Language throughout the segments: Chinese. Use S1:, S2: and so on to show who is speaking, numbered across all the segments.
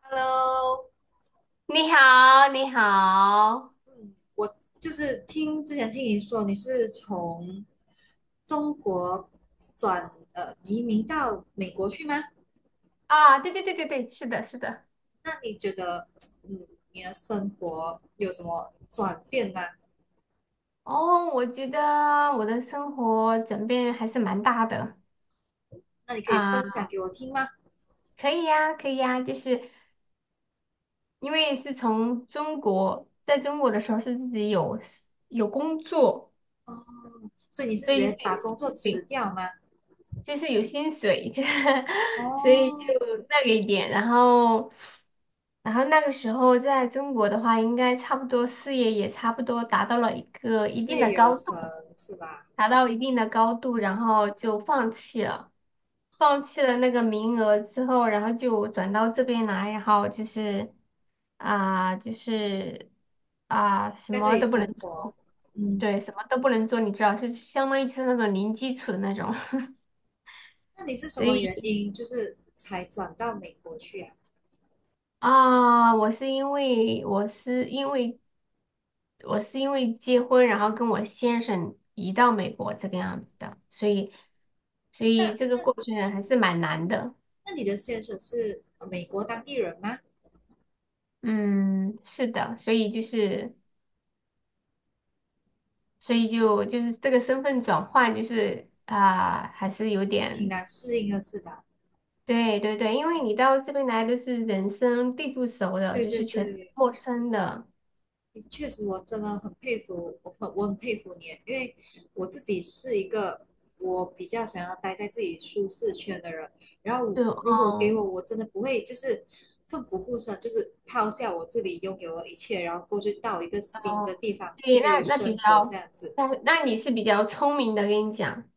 S1: Hello，
S2: 你好，你好。
S1: 嗯，我就是听之前听你说你是从中国转移民到美国去吗？
S2: 啊，对对对对对，是的，是的。
S1: 那你觉得嗯你的生活有什么转变吗？
S2: 哦，我觉得我的生活转变还是蛮大的。
S1: 那你可以
S2: 啊，
S1: 分享给我听吗？
S2: 可以呀，可以呀，就是因为是从中国，在中国的时候是自己有 有工作，
S1: 哦，所以你是直
S2: 所以
S1: 接
S2: 就是
S1: 把
S2: 有
S1: 工作
S2: 薪
S1: 辞
S2: 水，
S1: 掉吗？
S2: 就是有薪水，所以
S1: 哦，
S2: 就那个一点，然后那个时候在中国的话，应该差不多事业也差不多达到了一个一
S1: 事
S2: 定
S1: 业
S2: 的
S1: 有
S2: 高度。
S1: 成是吧？
S2: 达到一定的高度，然后就放弃了，放弃了那个名额之后，然后就转到这边来，然后就是啊、就是什
S1: 在这
S2: 么
S1: 里
S2: 都不能。
S1: 生活，嗯，
S2: 对，什么都不能做，你知道，就相当于就是那种零基础的那种。
S1: 那你是什
S2: 所
S1: 么原
S2: 以
S1: 因就是才转到美国去啊？
S2: 啊、我是因为我是因为我是因为结婚，然后跟我先生移到美国这个样子的，所以
S1: 那
S2: 这个
S1: 那
S2: 过程还是蛮难的。
S1: 那你的先生是美国当地人吗？
S2: 嗯，是的，所以就是，所以就是这个身份转换，就是啊、还是有
S1: 挺
S2: 点。
S1: 难适应的是吧？
S2: 对对对，因为你到这边来都是人生地不熟的，
S1: 对
S2: 就
S1: 对
S2: 是全是
S1: 对，
S2: 陌生的。
S1: 确实，我真的很佩服，我很佩服你，因为我自己是一个我比较想要待在自己舒适圈的人，然后我
S2: 就
S1: 如果给
S2: 哦。
S1: 我，我真的不会就是奋不顾身，就是抛下我自己拥有的一切，然后过去到一个新
S2: 哦，
S1: 的地方
S2: 对，
S1: 去
S2: 那那比
S1: 生活这
S2: 较，
S1: 样子。
S2: 那那你是比较聪明的，跟你讲，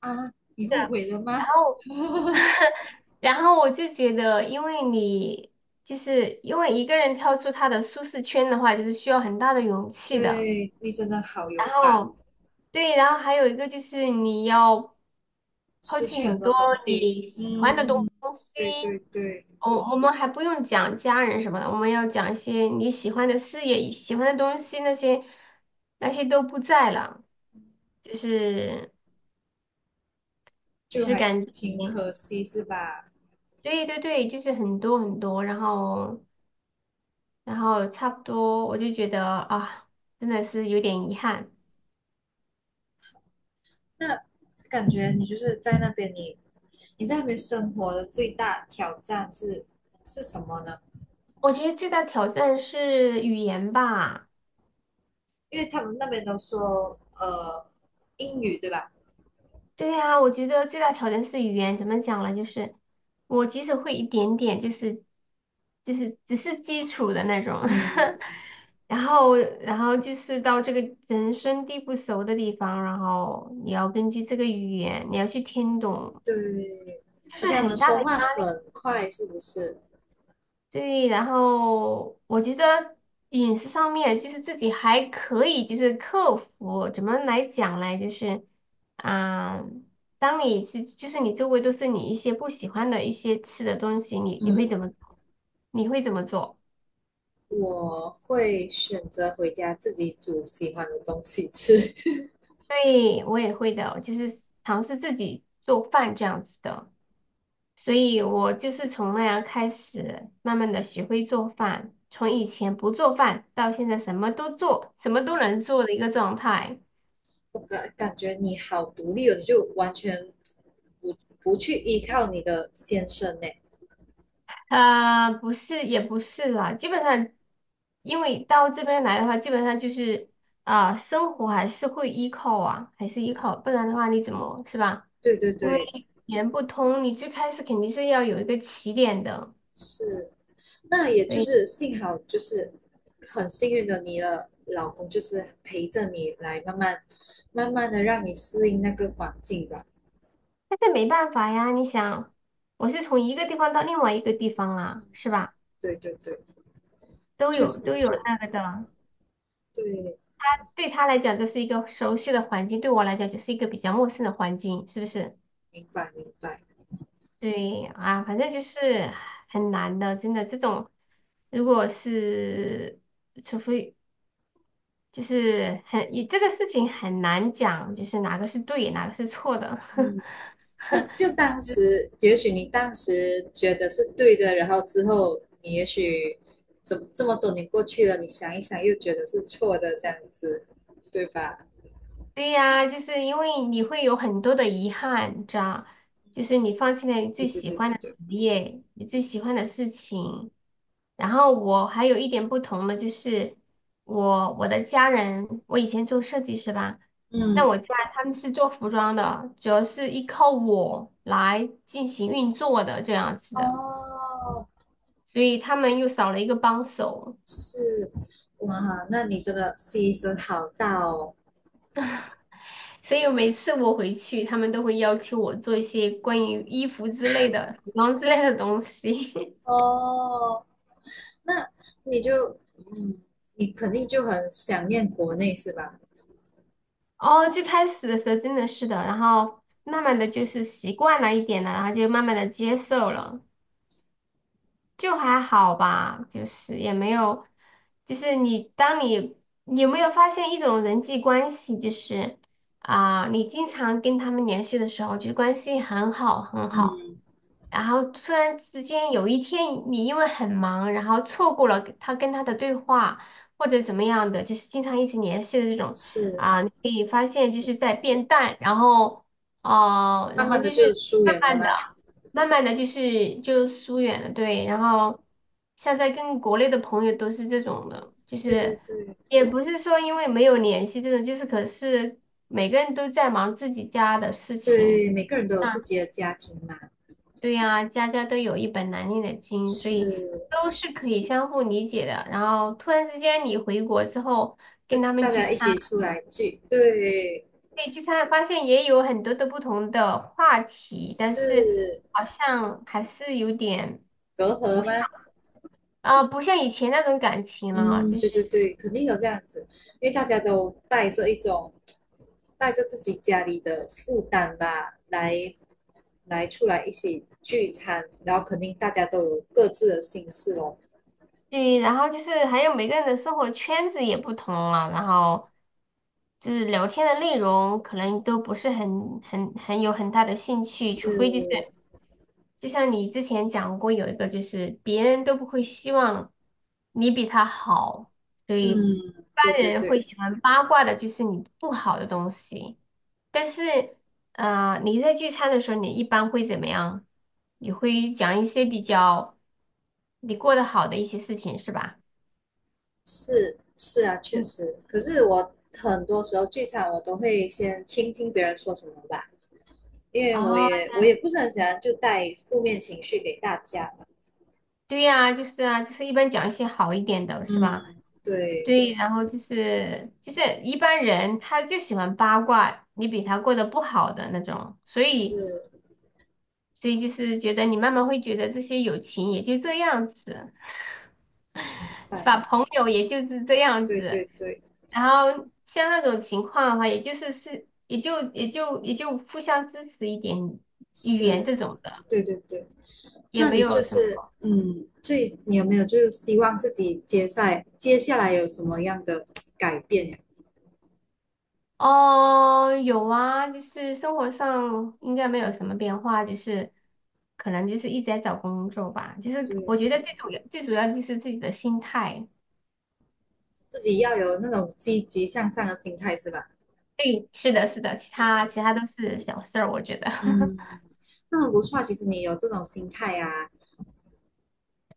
S1: 啊？你
S2: 是的，
S1: 后悔了
S2: 然
S1: 吗？
S2: 后我就觉得，因为你就是因为一个人跳出他的舒适圈的话，就是需要很大的勇 气的，
S1: 对，你真的好
S2: 然
S1: 勇敢。
S2: 后。对，然后还有一个就是你要抛
S1: 失
S2: 弃
S1: 去很
S2: 很
S1: 多
S2: 多
S1: 东西。
S2: 你喜欢的东
S1: 嗯，
S2: 西。
S1: 对对对，
S2: 我们还不用讲家人什么的，我们要讲一些你喜欢的事业、喜欢的东西，那些都不在了，就是就
S1: 就
S2: 是
S1: 还
S2: 感觉。
S1: 挺可惜，是吧？
S2: 对对对，就是很多很多，然后差不多，我就觉得啊，真的是有点遗憾。
S1: 那感觉你就是在那边你，你在那边生活的最大挑战是是什么呢？
S2: 我觉得最大挑战是语言吧。
S1: 因为他们那边都说英语，对吧？
S2: 对呀，我觉得最大挑战是语言，怎么讲呢？就是我即使会一点点，就是只是基础的那种，
S1: 嗯，
S2: 然后就是到这个人生地不熟的地方，然后你要根据这个语言，你要去听懂，
S1: 对，
S2: 就
S1: 而
S2: 是
S1: 且他们
S2: 很大的。
S1: 说话很快，是不是？
S2: 对，然后我觉得饮食上面就是自己还可以，就是克服。怎么来讲呢？就是，啊，当你是就是你周围都是你一些不喜欢的一些吃的东西，你会
S1: 嗯，
S2: 怎么你会怎么做？
S1: 我会选择回家自己煮喜欢的东西吃。
S2: 对，我也会的，就是尝试自己做饭这样子的。所以我就是从那样开始，慢慢的学会做饭，从以前不做饭到现在什么都做，什么都能做的一个状态。
S1: 我感觉你好独立哦，你就完全不去依靠你的先生呢。
S2: 不是，也不是啦，基本上，因为到这边来的话，基本上就是啊、生活还是会依靠啊，还是依靠，不然的话你怎么是吧？
S1: 对对
S2: 因为
S1: 对，
S2: 语言不通，你最开始肯定是要有一个起点的，
S1: 是。那也
S2: 所
S1: 就
S2: 以
S1: 是幸好就是很幸运的，你的老公就是陪着你来慢慢慢慢的让你适应那个环境吧。
S2: 但是没办法呀，你想，我是从一个地方到另外一个地方
S1: 嗯，
S2: 啊，是吧？
S1: 对对对，确实
S2: 都有
S1: 就
S2: 那个的。
S1: 对，
S2: 对他来讲这是一个熟悉的环境，对我来讲就是一个比较陌生的环境，是不是？
S1: 明白明白。
S2: 对啊，反正就是很难的，真的这种，如果是除非就是很，这个事情很难讲，就是哪个是对，哪个是错的。
S1: 嗯，就就当时也许你当时觉得是对的，然后之后你也许怎么这么多年过去了，你想一想又觉得是错的这样子，对吧？
S2: 对呀，就是因为你会有很多的遗憾，你知道，就是你放弃了你
S1: 对
S2: 最
S1: 对
S2: 喜
S1: 对对
S2: 欢的职
S1: 对，
S2: 业，你最喜欢的事情。然后我还有一点不同的就是，我的家人，我以前做设计师吧，那
S1: 嗯，
S2: 我家他们是做服装的，主要是依靠我来进行运作的这样子的，
S1: 哦，
S2: 所以他们又少了一个帮手。
S1: 是，哇，那你这个牺牲好大哦，
S2: 所以每次我回去，他们都会要求我做一些关于衣服之类的、服装之类的东西。
S1: 哦，那你就，嗯，你肯定就很想念国内是吧？
S2: 哦，最开始的时候真的是的，然后慢慢的就是习惯了一点了，然后就慢慢的接受了，就还好吧，就是也没有，就是你当你你有没有发现一种人际关系，就是啊、你经常跟他们联系的时候，就是关系很好很好。
S1: 嗯，
S2: 然后突然之间有一天你因为很忙，然后错过了他跟他的对话或者怎么样的，就是经常一直联系的这种
S1: 是，
S2: 啊，你可以发现就是在变淡，然后哦、
S1: 慢
S2: 然后
S1: 慢的
S2: 就是
S1: 就疏
S2: 慢
S1: 远了
S2: 慢的、
S1: 吗？
S2: 慢慢的就是就疏远了，对，然
S1: 嗯，
S2: 后现在跟国内的朋友都是这种的，就
S1: 对对
S2: 是
S1: 对，
S2: 也不是说因为没有联系这种，就是可是每个人都在忙自己家的事情。
S1: 对，每个人都有自
S2: 啊。
S1: 己的家庭嘛，
S2: 对呀，家家都有一本难念的经，所以
S1: 是，
S2: 都是可以相互理解的。然后突然之间你回国之后
S1: 就
S2: 跟他们
S1: 大
S2: 聚
S1: 家一
S2: 餐。
S1: 起出来聚，对，
S2: 对，聚餐发现也有很多的不同的话题，但是
S1: 是
S2: 好像还是有点
S1: 隔阂
S2: 不像
S1: 吗？
S2: 不像以前那种感情了，
S1: 嗯，
S2: 就是
S1: 对对对，肯定有这样子，因为大家都带着一种带着自己家里的负担吧，来来出来一起聚餐，然后肯定大家都有各自的心事哦。
S2: 对，然后就是还有每个人的生活圈子也不同了，然后就是聊天的内容可能都不是很有很大的兴趣，除非就是。
S1: 是，
S2: 就像你之前讲过，有一个就是别人都不会希望你比他好，所以一
S1: 嗯，
S2: 般
S1: 对对
S2: 人
S1: 对，
S2: 会喜欢八卦的就是你不好的东西。但是，呃，你在聚餐的时候，你一般会怎么样？你会讲一些比较你过得好的一些事情，是吧？
S1: 是是啊，确
S2: 嗯，
S1: 实。可是我很多时候聚餐，我都会先倾听别人说什么吧，因为我
S2: 哦，
S1: 也不是很喜欢就带负面情绪给大家嘛。
S2: 对呀，就是啊，就是一般讲一些好一点的，是吧？
S1: 嗯，对，
S2: 对，然后就是一般人他就喜欢八卦你比他过得不好的那种，所以
S1: 是，
S2: 所以就是觉得你慢慢会觉得这些友情也就这样子，
S1: 明白。
S2: 把朋友也就是这样
S1: 对
S2: 子，
S1: 对对，
S2: 然后像那种情况的话，也就是也就互相支持一点语言
S1: 是，
S2: 这种的，
S1: 对对对。
S2: 也
S1: 那
S2: 没
S1: 你就
S2: 有什么。
S1: 是，嗯，最，你有没有就是希望自己接下来有什么样的改变呀？
S2: 哦，有啊，就是生活上应该没有什么变化，就是可能就是一直在找工作吧。就是
S1: 对，
S2: 我觉得最主要就是自己的心态。
S1: 自己要有那种积极向上的心态是吧？
S2: 对，是的，是的，其他
S1: 对，
S2: 都是小事儿，我觉得
S1: 嗯，那很不错啊其实你有这种心态啊，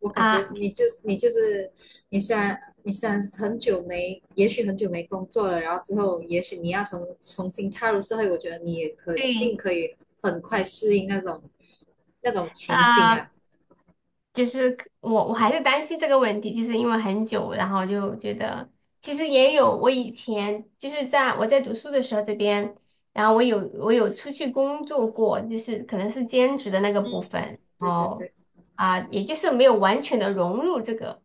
S1: 我 感觉
S2: 啊，
S1: 你就是你虽然你虽然很久没，也许很久没工作了，然后之后也许你要重新踏入社会，我觉得你也肯定
S2: 对
S1: 可以很快适应那种情景啊。
S2: 啊，就是我还是担心这个问题，就是因为很久，然后就觉得其实也有我以前就是在我在读书的时候这边，然后我有出去工作过，就是可能是兼职的那个
S1: 嗯，
S2: 部分，
S1: 对对
S2: 哦
S1: 对，
S2: 啊，也就是没有完全的融入这个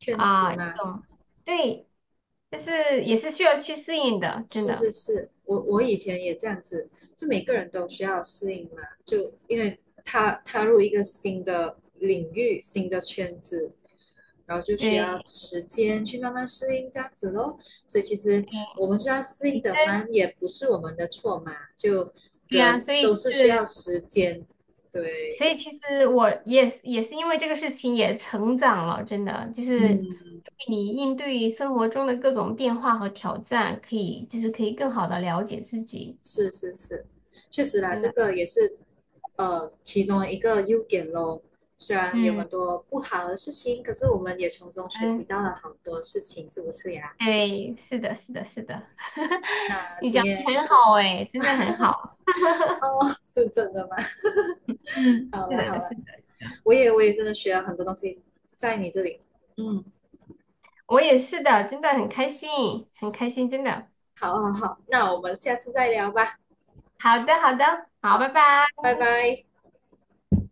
S1: 圈子
S2: 啊，一
S1: 嘛，
S2: 种对，但是也是需要去适应的，真
S1: 是
S2: 的。
S1: 是是，我以前也这样子，就每个人都需要适应嘛，就因为踏入一个新的领域、新的圈子，然后就需
S2: 对，
S1: 要时间去慢慢适应这样子咯。所以其实我们需要适应
S2: 你真
S1: 的慢，也不是我们的错嘛，就
S2: 对呀，
S1: 人
S2: 所
S1: 都
S2: 以
S1: 是需
S2: 是。
S1: 要时间。对，
S2: 所以其实我也是也是因为这个事情也成长了，真的就是
S1: 嗯，
S2: 你应对生活中的各种变化和挑战，可以可以更好的了解自己，
S1: 是是是，确实啦，
S2: 真
S1: 这
S2: 的。
S1: 个也是其中一个优点咯。虽然有
S2: 嗯。
S1: 很多不好的事情，可是我们也从中学习
S2: 嗯，
S1: 到了好多事情，是不是呀？
S2: 对，是的，是的，是的，
S1: 那
S2: 你
S1: 今
S2: 讲的
S1: 天
S2: 很
S1: 真
S2: 好
S1: 的
S2: 哎，真的很好。
S1: 哦，是真的吗？
S2: 嗯，
S1: 好
S2: 是
S1: 了好
S2: 的，
S1: 了，
S2: 是的，是的，
S1: 我也真的学了很多东西在你这里。嗯，
S2: 我也是的，真的很开心，很开心，真的。
S1: 好好好，那我们下次再聊吧。
S2: 好的，好的，好，拜
S1: 好，
S2: 拜。
S1: 拜拜。